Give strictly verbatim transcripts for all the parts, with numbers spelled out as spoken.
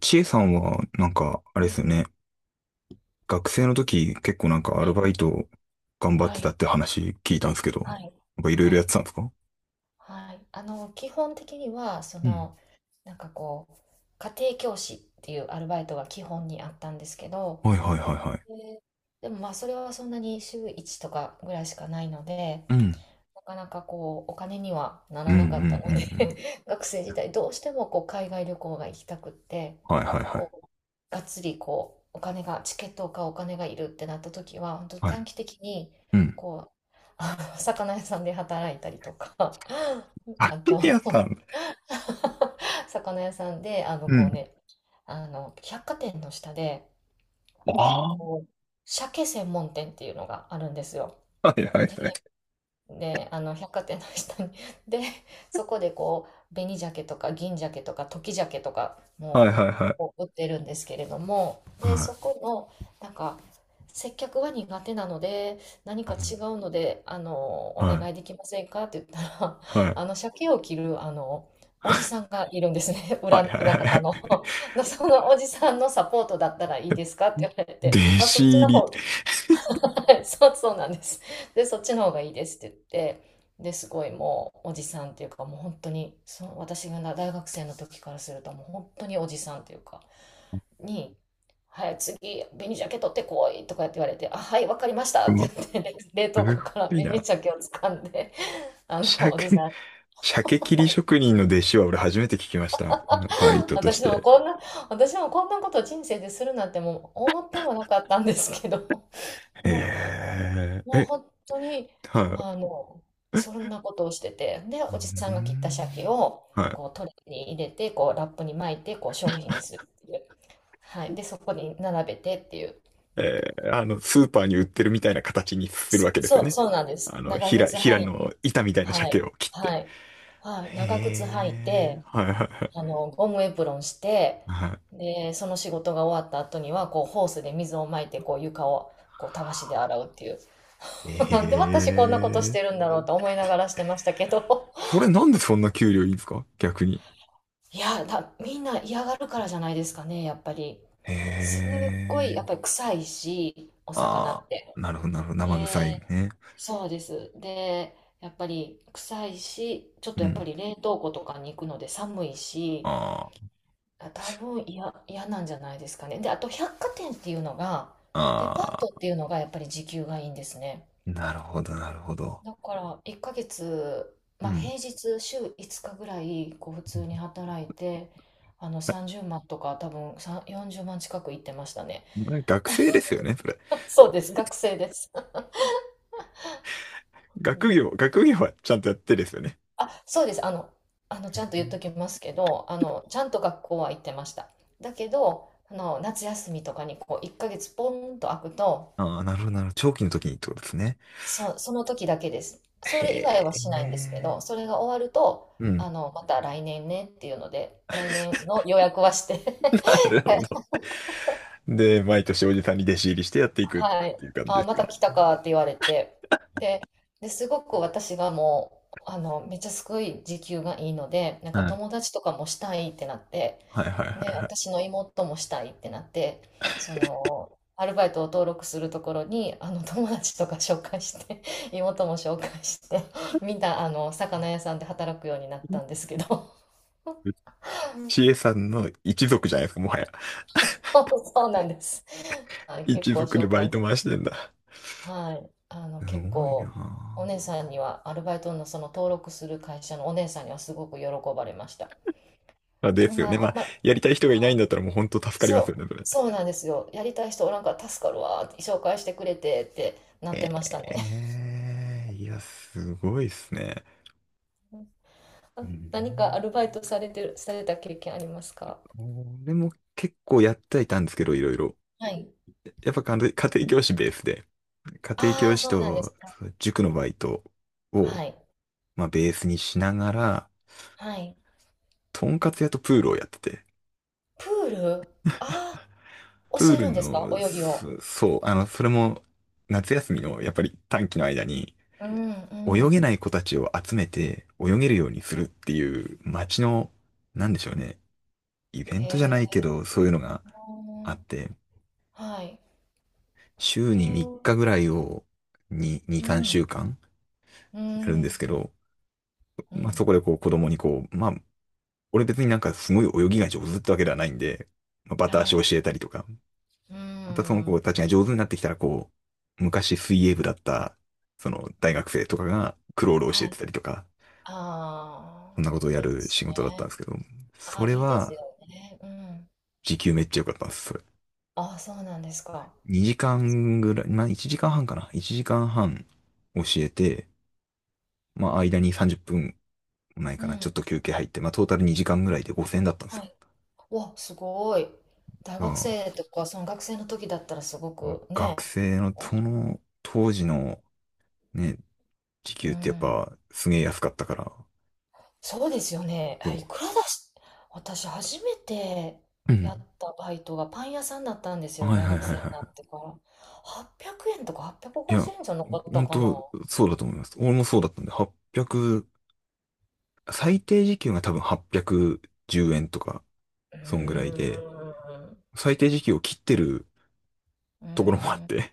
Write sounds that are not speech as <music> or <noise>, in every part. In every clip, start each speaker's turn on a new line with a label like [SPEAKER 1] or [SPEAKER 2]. [SPEAKER 1] ちえさんは、なんか、あれ
[SPEAKER 2] は
[SPEAKER 1] です
[SPEAKER 2] い、
[SPEAKER 1] よね。学生の時、結構なんかア
[SPEAKER 2] は
[SPEAKER 1] ル
[SPEAKER 2] い、
[SPEAKER 1] バイト頑張っ
[SPEAKER 2] は
[SPEAKER 1] てた
[SPEAKER 2] い、
[SPEAKER 1] って話聞いたんですけど、な
[SPEAKER 2] はい、
[SPEAKER 1] んかいろいろ
[SPEAKER 2] は
[SPEAKER 1] やっ
[SPEAKER 2] い、
[SPEAKER 1] てたんですか？
[SPEAKER 2] はい。あの、基本的には、そ
[SPEAKER 1] うん。
[SPEAKER 2] の、なんかこう、家庭教師っていうアルバイトが基本にあったんですけど、
[SPEAKER 1] はいはいはいはい。
[SPEAKER 2] ででもまあ、それはそんなに週いちとかぐらいしかないので、
[SPEAKER 1] うん。
[SPEAKER 2] なかなかこうお金にはな
[SPEAKER 1] うん
[SPEAKER 2] ら
[SPEAKER 1] うんうん
[SPEAKER 2] なかったの
[SPEAKER 1] うん。
[SPEAKER 2] で。 <laughs> 学生時代どうしてもこう海外旅行が行きたくって、
[SPEAKER 1] はいはいは
[SPEAKER 2] こ
[SPEAKER 1] い。
[SPEAKER 2] うがっつりこうお金がチケットを買うお金がいるってなった時は本当
[SPEAKER 1] はい。
[SPEAKER 2] 短期的に、
[SPEAKER 1] うん。
[SPEAKER 2] こうあの魚屋さんで働いたりとか。
[SPEAKER 1] あ、
[SPEAKER 2] あと
[SPEAKER 1] やったん。
[SPEAKER 2] <laughs> 魚屋さんで、あの
[SPEAKER 1] う
[SPEAKER 2] こう
[SPEAKER 1] ん。
[SPEAKER 2] ねあの百貨店の下で、
[SPEAKER 1] あ
[SPEAKER 2] こう鮭専門店っていうのがあるんですよ。
[SPEAKER 1] あ。はいはいはい。
[SPEAKER 2] で、あの、百貨店の下に。<laughs> で、そこでこう、紅鮭とか銀鮭とか時鮭とか
[SPEAKER 1] はい
[SPEAKER 2] も
[SPEAKER 1] はいはい。
[SPEAKER 2] こう売ってるんですけれども、で、
[SPEAKER 1] は
[SPEAKER 2] そ
[SPEAKER 1] い。
[SPEAKER 2] この、なんか、接客は苦手なので、何
[SPEAKER 1] う
[SPEAKER 2] か違
[SPEAKER 1] ん。
[SPEAKER 2] うので、あの、お
[SPEAKER 1] は
[SPEAKER 2] 願いできませんかって言ったら、
[SPEAKER 1] いは
[SPEAKER 2] <laughs>
[SPEAKER 1] い。
[SPEAKER 2] あの、鮭を切る、あの、おじさんがいるんですね。<laughs>
[SPEAKER 1] は
[SPEAKER 2] 裏、
[SPEAKER 1] いはい
[SPEAKER 2] 裏
[SPEAKER 1] はいは
[SPEAKER 2] 方の。
[SPEAKER 1] い。
[SPEAKER 2] <laughs> そのおじさんのサポートだったらいいですかって言われて、
[SPEAKER 1] 弟
[SPEAKER 2] あ、そ
[SPEAKER 1] 子
[SPEAKER 2] っち
[SPEAKER 1] 入
[SPEAKER 2] の
[SPEAKER 1] り。
[SPEAKER 2] 方。はい。 <laughs> そう、そうなんです。で、そっちの方がいいですって言って、で、すごい、もうおじさんっていうか、もう本当に、その私が大学生の時からすると、もう本当におじさんっていうか、に、はい、次、紅鮭取ってこいとかって言われて、あ、はい、わかりました
[SPEAKER 1] う
[SPEAKER 2] って
[SPEAKER 1] ま、
[SPEAKER 2] 言って、<laughs> 冷
[SPEAKER 1] す
[SPEAKER 2] 凍庫から
[SPEAKER 1] ごい
[SPEAKER 2] 紅
[SPEAKER 1] な。
[SPEAKER 2] 鮭を掴んで、あ
[SPEAKER 1] 社
[SPEAKER 2] の、おじ
[SPEAKER 1] 会
[SPEAKER 2] さん、
[SPEAKER 1] 鮭切り職人の弟子は俺初めて聞きました。バイトとし
[SPEAKER 2] 私も
[SPEAKER 1] て。
[SPEAKER 2] こんな、私もこんなこと人生でするなんてもう思ってもなかったんですけど、<laughs>
[SPEAKER 1] えー、
[SPEAKER 2] もう
[SPEAKER 1] え、
[SPEAKER 2] 本当に、
[SPEAKER 1] はい。
[SPEAKER 2] あの、そんなことをしてて、で、
[SPEAKER 1] う
[SPEAKER 2] おじ
[SPEAKER 1] ー
[SPEAKER 2] さんが切った鮭
[SPEAKER 1] ん。
[SPEAKER 2] を、
[SPEAKER 1] は
[SPEAKER 2] こう、トレーに入れて、こう、ラップに巻いて、こう、商品にするっていう。はい。で、そこに並べてっていう。
[SPEAKER 1] い。えー、あの、スーパーに売ってるみたいな形にするわけです
[SPEAKER 2] そ
[SPEAKER 1] よ
[SPEAKER 2] う、
[SPEAKER 1] ね。
[SPEAKER 2] そうなんで
[SPEAKER 1] あ
[SPEAKER 2] す。
[SPEAKER 1] の、
[SPEAKER 2] 長
[SPEAKER 1] ひら、
[SPEAKER 2] 靴
[SPEAKER 1] ひら
[SPEAKER 2] 履い、
[SPEAKER 1] の板みたいな
[SPEAKER 2] は
[SPEAKER 1] 鮭
[SPEAKER 2] い、
[SPEAKER 1] を切って。
[SPEAKER 2] はい、はい。長靴履い
[SPEAKER 1] へえ、
[SPEAKER 2] て、
[SPEAKER 1] はいはいはい。
[SPEAKER 2] あの、ゴムエプロンして、
[SPEAKER 1] は
[SPEAKER 2] で、その仕事が終わった後には、こう、ホースで水をまいて、こう、床を、こう、たわしで洗うっていう。
[SPEAKER 1] い。
[SPEAKER 2] <laughs> なんで私こんなことし
[SPEAKER 1] ええ、
[SPEAKER 2] てるんだろうと思いながらしてましたけど。
[SPEAKER 1] それなんでそんな給料いいんですか逆に？
[SPEAKER 2] いや、だ、みんな嫌がるからじゃないですかね、やっぱり。
[SPEAKER 1] へ
[SPEAKER 2] すっごい、
[SPEAKER 1] え、
[SPEAKER 2] やっぱり臭いし、お魚
[SPEAKER 1] あ
[SPEAKER 2] って。
[SPEAKER 1] あ、なるほどなるほど。
[SPEAKER 2] で、
[SPEAKER 1] 生臭いね。
[SPEAKER 2] そうです。で、やっぱり臭いし、ちょっ
[SPEAKER 1] う
[SPEAKER 2] とやっぱ
[SPEAKER 1] ん。
[SPEAKER 2] り冷凍庫とかに行くので寒いし、
[SPEAKER 1] あ
[SPEAKER 2] あ、多分嫌、嫌なんじゃないですかね。で、あと百貨店っていうのが、デパートっ
[SPEAKER 1] あ、
[SPEAKER 2] ていうのがやっぱり時給がいいんですね。
[SPEAKER 1] なるほど、なるほど。
[SPEAKER 2] だからいっかげつ、
[SPEAKER 1] う
[SPEAKER 2] まあ、
[SPEAKER 1] ん。
[SPEAKER 2] 平日週ごにちぐらいこう普通に働いて、あのさんじゅうまんとか、多分さんよんじゅうまん近く行ってましたね。
[SPEAKER 1] うれ学生ですよね、それ？
[SPEAKER 2] <laughs> そうです、学生です。う
[SPEAKER 1] 学
[SPEAKER 2] ん、
[SPEAKER 1] 業、学業はちゃんとやってですよね？
[SPEAKER 2] あ、そうです。あの、あのちゃんと言っときますけど、あのちゃんと学校は行ってました。だけどあの夏休みとかにこういっかげつポンと空くと、
[SPEAKER 1] ああ、なるほど、なるほど。長期の時にってことですね。
[SPEAKER 2] そその時だけです。それ以外は
[SPEAKER 1] へ
[SPEAKER 2] しないんですけ
[SPEAKER 1] え。
[SPEAKER 2] ど、それが終わると、
[SPEAKER 1] うん。
[SPEAKER 2] あの、また来年ねっていうので、来年の予約はして
[SPEAKER 1] なるほ
[SPEAKER 2] <laughs>
[SPEAKER 1] ど。で、毎年おじさんに弟子入りしてやっていくっ
[SPEAKER 2] はい。
[SPEAKER 1] ていう感じで
[SPEAKER 2] あ、
[SPEAKER 1] す
[SPEAKER 2] また
[SPEAKER 1] か？
[SPEAKER 2] 来たかって言われて。で、で、すごく私がもう、あの、めっちゃすごい時給がいいので、なんか
[SPEAKER 1] はい。
[SPEAKER 2] 友達とかもしたいってなって、
[SPEAKER 1] はいはいは
[SPEAKER 2] で、
[SPEAKER 1] いは
[SPEAKER 2] 私の妹もしたいってなって、その、アルバイトを登録するところに、あの、友達とか紹介して、<laughs> 妹も紹介して、みんな、あの、魚屋さんで働くようになったんですけど、<laughs>
[SPEAKER 1] い。知恵さんの一族じゃないですか、もはや。
[SPEAKER 2] そうなんです。はい、結
[SPEAKER 1] 一
[SPEAKER 2] 構
[SPEAKER 1] 族で
[SPEAKER 2] 紹
[SPEAKER 1] バイ
[SPEAKER 2] 介し、
[SPEAKER 1] ト回してんだ。
[SPEAKER 2] はい、あの、
[SPEAKER 1] す
[SPEAKER 2] 結
[SPEAKER 1] ごいな
[SPEAKER 2] 構、お
[SPEAKER 1] あ。
[SPEAKER 2] 姉さんには、アルバイトのその登録する会社のお姉さんにはすごく喜ばれました。
[SPEAKER 1] まあで
[SPEAKER 2] こん
[SPEAKER 1] すよ
[SPEAKER 2] な、あん
[SPEAKER 1] ね。まあ、
[SPEAKER 2] まり、
[SPEAKER 1] やりたい人がいな
[SPEAKER 2] は
[SPEAKER 1] い
[SPEAKER 2] い、
[SPEAKER 1] んだったらもう本当助かりま
[SPEAKER 2] そ
[SPEAKER 1] すよね、
[SPEAKER 2] う、
[SPEAKER 1] それ。
[SPEAKER 2] そうなんですよ。やりたい人おらんから助かるわーって紹介してくれてってなって
[SPEAKER 1] え
[SPEAKER 2] ましたね。
[SPEAKER 1] え、いや、すごいっすね。う
[SPEAKER 2] あ、
[SPEAKER 1] ん。
[SPEAKER 2] 何かアルバイトされてる、された経験ありますか？
[SPEAKER 1] 俺も結構やってはいたんですけど、いろいろ。
[SPEAKER 2] はい。
[SPEAKER 1] やっぱ家庭家庭教師ベースで、家庭
[SPEAKER 2] あ
[SPEAKER 1] 教
[SPEAKER 2] あ、
[SPEAKER 1] 師
[SPEAKER 2] そうなんで
[SPEAKER 1] と
[SPEAKER 2] すか。
[SPEAKER 1] そう塾のバイトを、
[SPEAKER 2] はい。
[SPEAKER 1] まあ、ベースにしながら、
[SPEAKER 2] はい。
[SPEAKER 1] とんかつ屋とプールをやってて、
[SPEAKER 2] プールああ、
[SPEAKER 1] プ
[SPEAKER 2] 教
[SPEAKER 1] ー
[SPEAKER 2] え
[SPEAKER 1] ル
[SPEAKER 2] るんですか、
[SPEAKER 1] の、
[SPEAKER 2] 泳ぎを？
[SPEAKER 1] そそう、あの、それも夏休みのやっぱり短期の間に、
[SPEAKER 2] うん、う
[SPEAKER 1] 泳
[SPEAKER 2] ん。
[SPEAKER 1] げない子たちを集めて泳げるようにするっていう街の、なんでしょうね、イベン
[SPEAKER 2] へ
[SPEAKER 1] トじゃないけど、
[SPEAKER 2] え。
[SPEAKER 1] そういうのがあって、
[SPEAKER 2] はい。
[SPEAKER 1] 週
[SPEAKER 2] へ
[SPEAKER 1] に3
[SPEAKER 2] え。
[SPEAKER 1] 日ぐらいをに、に、
[SPEAKER 2] う
[SPEAKER 1] 3
[SPEAKER 2] ん、
[SPEAKER 1] 週間
[SPEAKER 2] う
[SPEAKER 1] やるんです
[SPEAKER 2] ん、
[SPEAKER 1] けど、
[SPEAKER 2] う
[SPEAKER 1] まあそ
[SPEAKER 2] ん。
[SPEAKER 1] こでこう子供にこう、まあ、俺別になんかすごい泳ぎが上手ってわけではないんで、まあ、バ
[SPEAKER 2] は
[SPEAKER 1] タ足を
[SPEAKER 2] い。
[SPEAKER 1] 教えたりとか、
[SPEAKER 2] う
[SPEAKER 1] またその子
[SPEAKER 2] ん。
[SPEAKER 1] たちが上手になってきたらこう、昔水泳部だった、その大学生とかがクロールを教
[SPEAKER 2] は
[SPEAKER 1] えて
[SPEAKER 2] い。
[SPEAKER 1] たりとか、そ
[SPEAKER 2] あ
[SPEAKER 1] ん
[SPEAKER 2] あ、
[SPEAKER 1] なことをや
[SPEAKER 2] いいで
[SPEAKER 1] る
[SPEAKER 2] す
[SPEAKER 1] 仕事だったんで
[SPEAKER 2] ね。
[SPEAKER 1] すけど、そ
[SPEAKER 2] あ、
[SPEAKER 1] れ
[SPEAKER 2] いいです
[SPEAKER 1] は
[SPEAKER 2] よね。うん。
[SPEAKER 1] 時給めっちゃ良かったんです。
[SPEAKER 2] ああ、そうなんですか。
[SPEAKER 1] にじかんぐらい、まあいちじかんはんかな。いちじかんはん教えて、まあ間にさんじゅっぷんもないか
[SPEAKER 2] う
[SPEAKER 1] な。ちょっ
[SPEAKER 2] ん。
[SPEAKER 1] と休憩入って、まあトータルにじかんぐらいでごせんえんだったんです
[SPEAKER 2] は
[SPEAKER 1] よ。
[SPEAKER 2] い。わ、すごい。大
[SPEAKER 1] だ
[SPEAKER 2] 学
[SPEAKER 1] か
[SPEAKER 2] 生とか、その学生の時だったらすご
[SPEAKER 1] ら
[SPEAKER 2] く
[SPEAKER 1] 学
[SPEAKER 2] ね。
[SPEAKER 1] 生のその当時のね、時
[SPEAKER 2] う
[SPEAKER 1] 給ってやっ
[SPEAKER 2] ん。
[SPEAKER 1] ぱすげえ安かったから、
[SPEAKER 2] そうですよね。あ、い
[SPEAKER 1] こ
[SPEAKER 2] くらだし、私初めて
[SPEAKER 1] う。う
[SPEAKER 2] やっ
[SPEAKER 1] ん。
[SPEAKER 2] たバイトがパン屋さんだったんですよ。
[SPEAKER 1] はい
[SPEAKER 2] 大
[SPEAKER 1] はいはい
[SPEAKER 2] 学
[SPEAKER 1] はい
[SPEAKER 2] 生にな
[SPEAKER 1] は
[SPEAKER 2] ってから。はっぴゃくえんとか
[SPEAKER 1] い。い
[SPEAKER 2] 850
[SPEAKER 1] や、
[SPEAKER 2] 円じゅうえんじゃなかった
[SPEAKER 1] 本
[SPEAKER 2] かな。
[SPEAKER 1] 当そうだと思います。俺もそうだったんで、8 0最低時給が多分はっぴゃくじゅうえんとか、
[SPEAKER 2] う
[SPEAKER 1] そんぐらい
[SPEAKER 2] ー
[SPEAKER 1] で、
[SPEAKER 2] ん。
[SPEAKER 1] 最低時給を切ってる
[SPEAKER 2] うー
[SPEAKER 1] ところもあっ
[SPEAKER 2] ん。
[SPEAKER 1] て、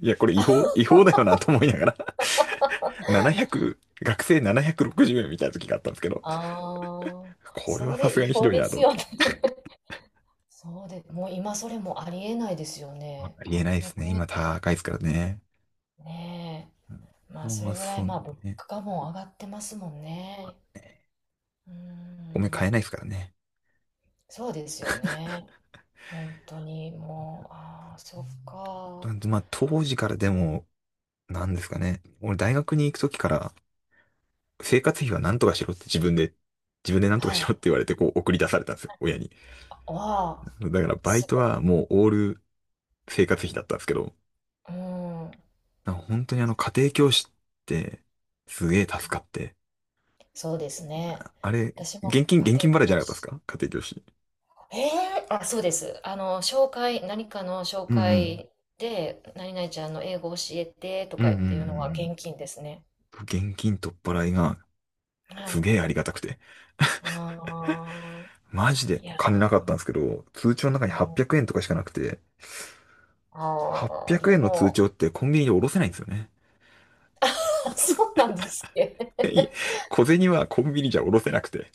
[SPEAKER 1] いや、これ違法、違法だよなと思いながらななひゃく <laughs>、学生ななひゃくろくじゅうえんみたいな時があったんですけど、
[SPEAKER 2] ああ、
[SPEAKER 1] これは
[SPEAKER 2] そ
[SPEAKER 1] さ
[SPEAKER 2] れ
[SPEAKER 1] す
[SPEAKER 2] 違
[SPEAKER 1] がにひ
[SPEAKER 2] 法
[SPEAKER 1] どい
[SPEAKER 2] で
[SPEAKER 1] なと
[SPEAKER 2] す
[SPEAKER 1] 思っ
[SPEAKER 2] よ
[SPEAKER 1] て。
[SPEAKER 2] ね。<laughs> そうで、もう今それもありえないですよね。
[SPEAKER 1] ありえないで
[SPEAKER 2] 8
[SPEAKER 1] す
[SPEAKER 2] 0
[SPEAKER 1] ね。
[SPEAKER 2] 円。
[SPEAKER 1] 今高いですからね。
[SPEAKER 2] ね、ま
[SPEAKER 1] う
[SPEAKER 2] あ、
[SPEAKER 1] ん
[SPEAKER 2] そ
[SPEAKER 1] まあ、
[SPEAKER 2] れぐら
[SPEAKER 1] そ
[SPEAKER 2] い、
[SPEAKER 1] う
[SPEAKER 2] まあ、物
[SPEAKER 1] ね。
[SPEAKER 2] 価も上がってますもんね。うー
[SPEAKER 1] 米
[SPEAKER 2] ん、
[SPEAKER 1] 買えないですからね。
[SPEAKER 2] そうですよね。本当に、もう、ああ、そっか。
[SPEAKER 1] なんでまあ、当時からでも、なんですかね。俺大学に行く時から、生活費は何とかしろって自分で、自分で何とか
[SPEAKER 2] は
[SPEAKER 1] しろっ
[SPEAKER 2] い。
[SPEAKER 1] て言われて、こう送り出されたんですよ、親に。
[SPEAKER 2] わあ、
[SPEAKER 1] だからバイ
[SPEAKER 2] す
[SPEAKER 1] ト
[SPEAKER 2] ご
[SPEAKER 1] はもうオール生活費だったんですけど、
[SPEAKER 2] い。うん。
[SPEAKER 1] なんか本当にあの家庭教師ってすげえ助かって。
[SPEAKER 2] そうですね。
[SPEAKER 1] あれ、
[SPEAKER 2] 私も
[SPEAKER 1] 現金、
[SPEAKER 2] 家
[SPEAKER 1] 現金
[SPEAKER 2] 庭
[SPEAKER 1] 払いじ
[SPEAKER 2] 教
[SPEAKER 1] ゃなかったです
[SPEAKER 2] 師。
[SPEAKER 1] か家庭教師？
[SPEAKER 2] ええ、あ、そうです。あの、紹介、何かの紹
[SPEAKER 1] うんうん。
[SPEAKER 2] 介で、何々ちゃんの英語教えてと
[SPEAKER 1] うん
[SPEAKER 2] か
[SPEAKER 1] うんう
[SPEAKER 2] 言っていうのは
[SPEAKER 1] ん
[SPEAKER 2] 現金ですね。
[SPEAKER 1] うん。現金取っ払いが
[SPEAKER 2] は
[SPEAKER 1] すげ
[SPEAKER 2] い。
[SPEAKER 1] えありがたくて。
[SPEAKER 2] ああ、
[SPEAKER 1] マジで
[SPEAKER 2] いや
[SPEAKER 1] 金なかったん
[SPEAKER 2] ー、
[SPEAKER 1] ですけど、通帳の中にはっぴゃくえんとかしかなくて、
[SPEAKER 2] あ
[SPEAKER 1] 800
[SPEAKER 2] あ、で
[SPEAKER 1] 円の通
[SPEAKER 2] も、
[SPEAKER 1] 帳ってコンビニでおろせないんですよね。
[SPEAKER 2] <laughs> そうなんですっけ。<laughs>
[SPEAKER 1] 小銭はコンビニじゃおろせなくて。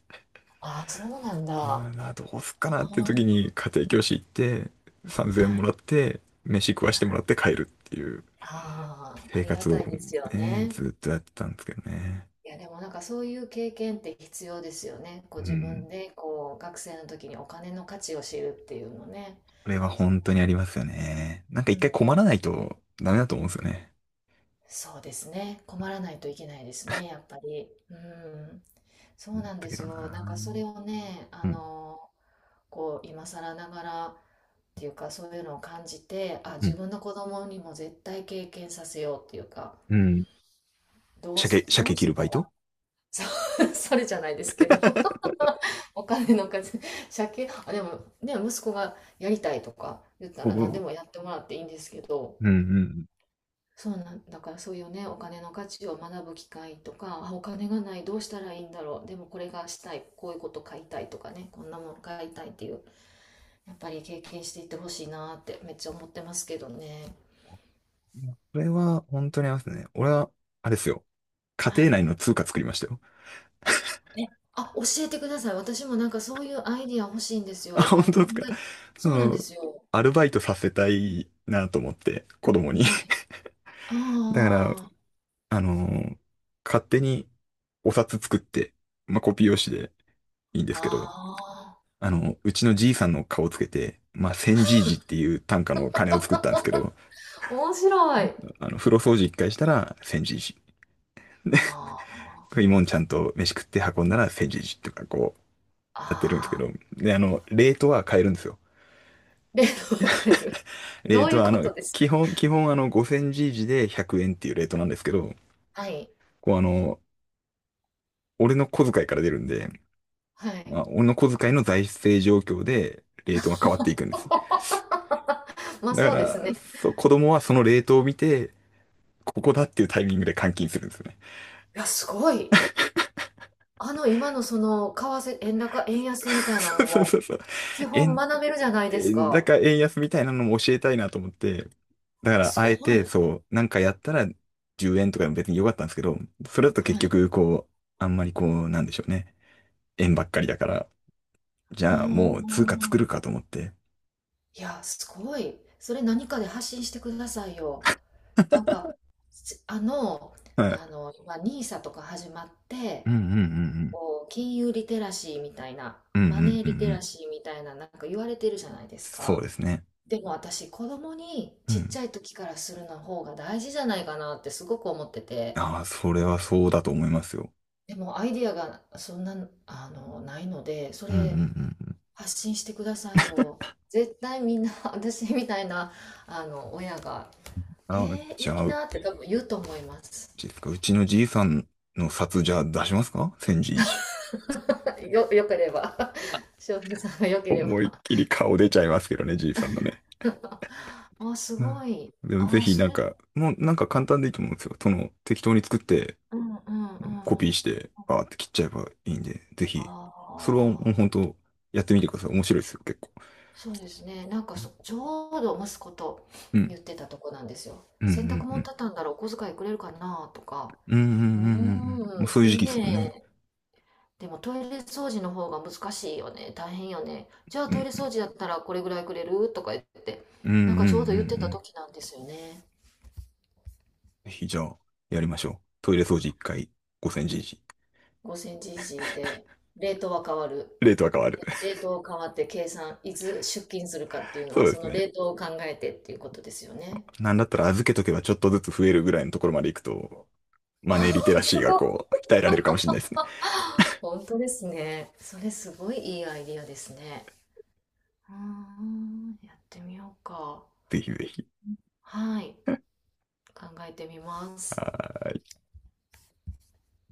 [SPEAKER 2] ああ、そうなんだ。
[SPEAKER 1] う
[SPEAKER 2] あ
[SPEAKER 1] ーん、あどうすっかなって時に
[SPEAKER 2] あ、
[SPEAKER 1] 家庭教師行って、3000
[SPEAKER 2] は
[SPEAKER 1] 円も
[SPEAKER 2] い。
[SPEAKER 1] らって、飯食わしてもらって帰るっていう。
[SPEAKER 2] ああ、あ
[SPEAKER 1] 生
[SPEAKER 2] りが
[SPEAKER 1] 活
[SPEAKER 2] た
[SPEAKER 1] を
[SPEAKER 2] いですよ
[SPEAKER 1] ね、
[SPEAKER 2] ね。
[SPEAKER 1] ずっとやってたんですけどね。
[SPEAKER 2] いや、でもなんかそういう経験って必要ですよね。こ
[SPEAKER 1] う
[SPEAKER 2] う自
[SPEAKER 1] ん。
[SPEAKER 2] 分でこう学生の時にお金の価値を知るっていうのね。
[SPEAKER 1] これは
[SPEAKER 2] そう、
[SPEAKER 1] 本当にありますよね。なんか
[SPEAKER 2] う
[SPEAKER 1] 一
[SPEAKER 2] ん、
[SPEAKER 1] 回困
[SPEAKER 2] だ
[SPEAKER 1] らないとダメだと思うんですよね。
[SPEAKER 2] そうですね。困らないといけないですね、やっぱり。うん、そう
[SPEAKER 1] だっ
[SPEAKER 2] なん
[SPEAKER 1] た
[SPEAKER 2] で
[SPEAKER 1] け
[SPEAKER 2] す
[SPEAKER 1] ど
[SPEAKER 2] よ。なんかそれ
[SPEAKER 1] な。
[SPEAKER 2] をね、あ
[SPEAKER 1] うん。
[SPEAKER 2] の、こう今更ながらっていうか、そういうのを感じて、あ、
[SPEAKER 1] う
[SPEAKER 2] 自
[SPEAKER 1] ん。
[SPEAKER 2] 分の子供にも絶対経験させようっていうか、
[SPEAKER 1] うん。
[SPEAKER 2] どう
[SPEAKER 1] 鮭、
[SPEAKER 2] す、ど
[SPEAKER 1] 鮭
[SPEAKER 2] う
[SPEAKER 1] 切
[SPEAKER 2] し
[SPEAKER 1] る
[SPEAKER 2] た
[SPEAKER 1] バイト。
[SPEAKER 2] ら、そう。 <laughs> それじゃないですけど。 <laughs> お金の稼ぎ借金あ、でもね、息子がやりたいとか言った
[SPEAKER 1] お
[SPEAKER 2] ら何で
[SPEAKER 1] う。
[SPEAKER 2] もやってもらっていいんですけど。
[SPEAKER 1] うん。うんうん。
[SPEAKER 2] そうなんだから、そういうねお金の価値を学ぶ機会とか、あ、お金がない、どうしたらいいんだろう、でもこれがしたい、こういうこと買いたいとかね、こんなもの買いたいっていう、やっぱり経験していってほしいなってめっちゃ思ってますけどね。
[SPEAKER 1] いやこれは本当にありますね。俺は、あれですよ。家
[SPEAKER 2] は
[SPEAKER 1] 庭
[SPEAKER 2] い。
[SPEAKER 1] 内の通貨作りましたよ。
[SPEAKER 2] え、あ、教えてください。私もなんかそういうアイディア欲しいんですよ。
[SPEAKER 1] あ、本当
[SPEAKER 2] 今考
[SPEAKER 1] ですか？
[SPEAKER 2] え、
[SPEAKER 1] そ
[SPEAKER 2] そうなんで
[SPEAKER 1] の、
[SPEAKER 2] すよ。
[SPEAKER 1] アルバイトさせたいなと思って、子供に。
[SPEAKER 2] はい。
[SPEAKER 1] だから、
[SPEAKER 2] あ
[SPEAKER 1] あのー勝手にお札作って、まあ、コピー用紙でいいんで
[SPEAKER 2] あ、
[SPEAKER 1] すけど、
[SPEAKER 2] あ
[SPEAKER 1] あの、うちのじいさんの顔をつけて、まあ、千じいじっていう単価の金を作ったんですけど、
[SPEAKER 2] あ、面白い。
[SPEAKER 1] あの、風呂掃除一回したら千じいじ。で、
[SPEAKER 2] あ
[SPEAKER 1] 食いもんちゃんと飯食って運んだら千じいじとかこう、
[SPEAKER 2] あ、
[SPEAKER 1] やってるんですけ
[SPEAKER 2] ああ、
[SPEAKER 1] ど、で、あの、レートは変えるんですよ。
[SPEAKER 2] 例の分かる。
[SPEAKER 1] レ
[SPEAKER 2] ど
[SPEAKER 1] ー
[SPEAKER 2] うい
[SPEAKER 1] ト
[SPEAKER 2] う
[SPEAKER 1] は、あ
[SPEAKER 2] こ
[SPEAKER 1] の、
[SPEAKER 2] とです
[SPEAKER 1] 基
[SPEAKER 2] か？
[SPEAKER 1] 本、基本あの、ごせんじいじでひゃくえんっていうレートなんですけど、
[SPEAKER 2] はい。
[SPEAKER 1] こうあの、俺の小遣いから出るんで、
[SPEAKER 2] は
[SPEAKER 1] ま
[SPEAKER 2] い。
[SPEAKER 1] あ、俺の小遣いの財政状況で、レートが変わっていくんです。
[SPEAKER 2] まあ、
[SPEAKER 1] だか
[SPEAKER 2] そうです
[SPEAKER 1] ら、
[SPEAKER 2] ね。
[SPEAKER 1] そう、子供はそのレートを見て、ここだっていうタイミングで換金するんですよね。
[SPEAKER 2] いや、すごい。あの、今のその、為替、円高、円
[SPEAKER 1] <laughs>
[SPEAKER 2] 安みたいな
[SPEAKER 1] そ
[SPEAKER 2] の
[SPEAKER 1] うそうそう
[SPEAKER 2] も、
[SPEAKER 1] そう。
[SPEAKER 2] 基本
[SPEAKER 1] 円、
[SPEAKER 2] 学べるじゃないです
[SPEAKER 1] 円
[SPEAKER 2] か。
[SPEAKER 1] 高、円安みたいなのも教えたいなと思って、だから、
[SPEAKER 2] す
[SPEAKER 1] あ
[SPEAKER 2] ご
[SPEAKER 1] えて、
[SPEAKER 2] い。
[SPEAKER 1] そう、なんかやったらじゅうえんとかでも別に良かったんですけど、それだと
[SPEAKER 2] は
[SPEAKER 1] 結
[SPEAKER 2] い。
[SPEAKER 1] 局、こう、あんまりこう、なんでしょうね。円ばっかりだから、じ
[SPEAKER 2] う
[SPEAKER 1] ゃあもう通貨作
[SPEAKER 2] ん。
[SPEAKER 1] るかと思って。
[SPEAKER 2] いや、すごい。それ何かで発信してくださいよ。なんか、すあの、
[SPEAKER 1] はい。
[SPEAKER 2] あの、今、エヌアイエス とか始まっ
[SPEAKER 1] う
[SPEAKER 2] て、
[SPEAKER 1] んうんうん
[SPEAKER 2] こう、金融リテラシーみたいな、
[SPEAKER 1] うん。うんう
[SPEAKER 2] マネ
[SPEAKER 1] ん
[SPEAKER 2] ー
[SPEAKER 1] うん
[SPEAKER 2] リテ
[SPEAKER 1] う
[SPEAKER 2] ラ
[SPEAKER 1] ん。
[SPEAKER 2] シーみたいな、なんか言われてるじゃないです
[SPEAKER 1] そう
[SPEAKER 2] か。
[SPEAKER 1] ですね。
[SPEAKER 2] でも私、子供に
[SPEAKER 1] う
[SPEAKER 2] ちっち
[SPEAKER 1] ん。
[SPEAKER 2] ゃい時からするの方が大事じゃないかなってすごく思ってて、
[SPEAKER 1] ああ、それはそうだと思いますよ。
[SPEAKER 2] でもアイディアがそんな、あの、ないので、そ
[SPEAKER 1] うんうん
[SPEAKER 2] れ、
[SPEAKER 1] うんうん。
[SPEAKER 2] 発信してくださいよ。絶対みんな <laughs> 私みたいなあの親が「え
[SPEAKER 1] ああ、
[SPEAKER 2] ー、
[SPEAKER 1] じ
[SPEAKER 2] いい
[SPEAKER 1] ゃあ、
[SPEAKER 2] な」って多分言うと思います。
[SPEAKER 1] ですか、うちのじいさんの札じゃあ出しますか千じいじ？
[SPEAKER 2] <laughs> よ、よければ <laughs> 翔平さんがよければ。
[SPEAKER 1] 思いっきり顔出ちゃいますけどね、じいさんのね。
[SPEAKER 2] <laughs> あ、す
[SPEAKER 1] う
[SPEAKER 2] ご
[SPEAKER 1] ん。
[SPEAKER 2] い。
[SPEAKER 1] でもぜ
[SPEAKER 2] あ、
[SPEAKER 1] ひ
[SPEAKER 2] そ
[SPEAKER 1] なん
[SPEAKER 2] れ、
[SPEAKER 1] か、もうなんか簡単でいいと思うんですよ。その適当に作って、
[SPEAKER 2] うん、うん、うん、う
[SPEAKER 1] コピー
[SPEAKER 2] ん。
[SPEAKER 1] し
[SPEAKER 2] あ
[SPEAKER 1] て、バーって切っちゃえばいいんで、ぜひ、
[SPEAKER 2] あ、
[SPEAKER 1] それはもう本当やってみてください。面白いですよ、結構。
[SPEAKER 2] そうですね。なんか
[SPEAKER 1] うん。
[SPEAKER 2] そ、ちょうど息子と
[SPEAKER 1] うん
[SPEAKER 2] 言ってたとこなんですよ。
[SPEAKER 1] う
[SPEAKER 2] 洗濯
[SPEAKER 1] んう
[SPEAKER 2] 物
[SPEAKER 1] ん。
[SPEAKER 2] 畳んだらお小遣いくれるかなとか。
[SPEAKER 1] うんう
[SPEAKER 2] う
[SPEAKER 1] んうんうんうん。もう
[SPEAKER 2] ーん、
[SPEAKER 1] そういう
[SPEAKER 2] い
[SPEAKER 1] 時
[SPEAKER 2] い
[SPEAKER 1] 期ですもんね。
[SPEAKER 2] ね。でもトイレ掃除の方が難しいよね。大変よね。じゃあトイレ掃除だったらこれぐらいくれるとか言って、
[SPEAKER 1] うんうんう
[SPEAKER 2] なん
[SPEAKER 1] ん
[SPEAKER 2] か
[SPEAKER 1] う
[SPEAKER 2] ちょうど言って
[SPEAKER 1] んう
[SPEAKER 2] た
[SPEAKER 1] ん。
[SPEAKER 2] 時なんですよね。
[SPEAKER 1] ぜひじゃあ、やりましょう。トイレ掃除いっかいごせんじ
[SPEAKER 2] ごセンチ以上で、レートは変わる。
[SPEAKER 1] レートは変わる。
[SPEAKER 2] レートを変わって計算、いつ出勤するかっていう
[SPEAKER 1] <laughs>
[SPEAKER 2] の
[SPEAKER 1] そ
[SPEAKER 2] は、
[SPEAKER 1] うで
[SPEAKER 2] そ
[SPEAKER 1] す
[SPEAKER 2] の
[SPEAKER 1] ね。
[SPEAKER 2] レートを考えてっていうことですよね。
[SPEAKER 1] なんだったら預けとけばちょっとずつ増えるぐらいのところまで行くと、マネーリテ
[SPEAKER 2] <laughs>
[SPEAKER 1] ラシ
[SPEAKER 2] す
[SPEAKER 1] ーが
[SPEAKER 2] ごい。
[SPEAKER 1] こう、鍛えられるかもしれないですね。
[SPEAKER 2] 本当ですね。それすごい、いいアイディアですね。うーん、やってみようか。
[SPEAKER 1] ぜひぜひ。
[SPEAKER 2] はい。考えてみます。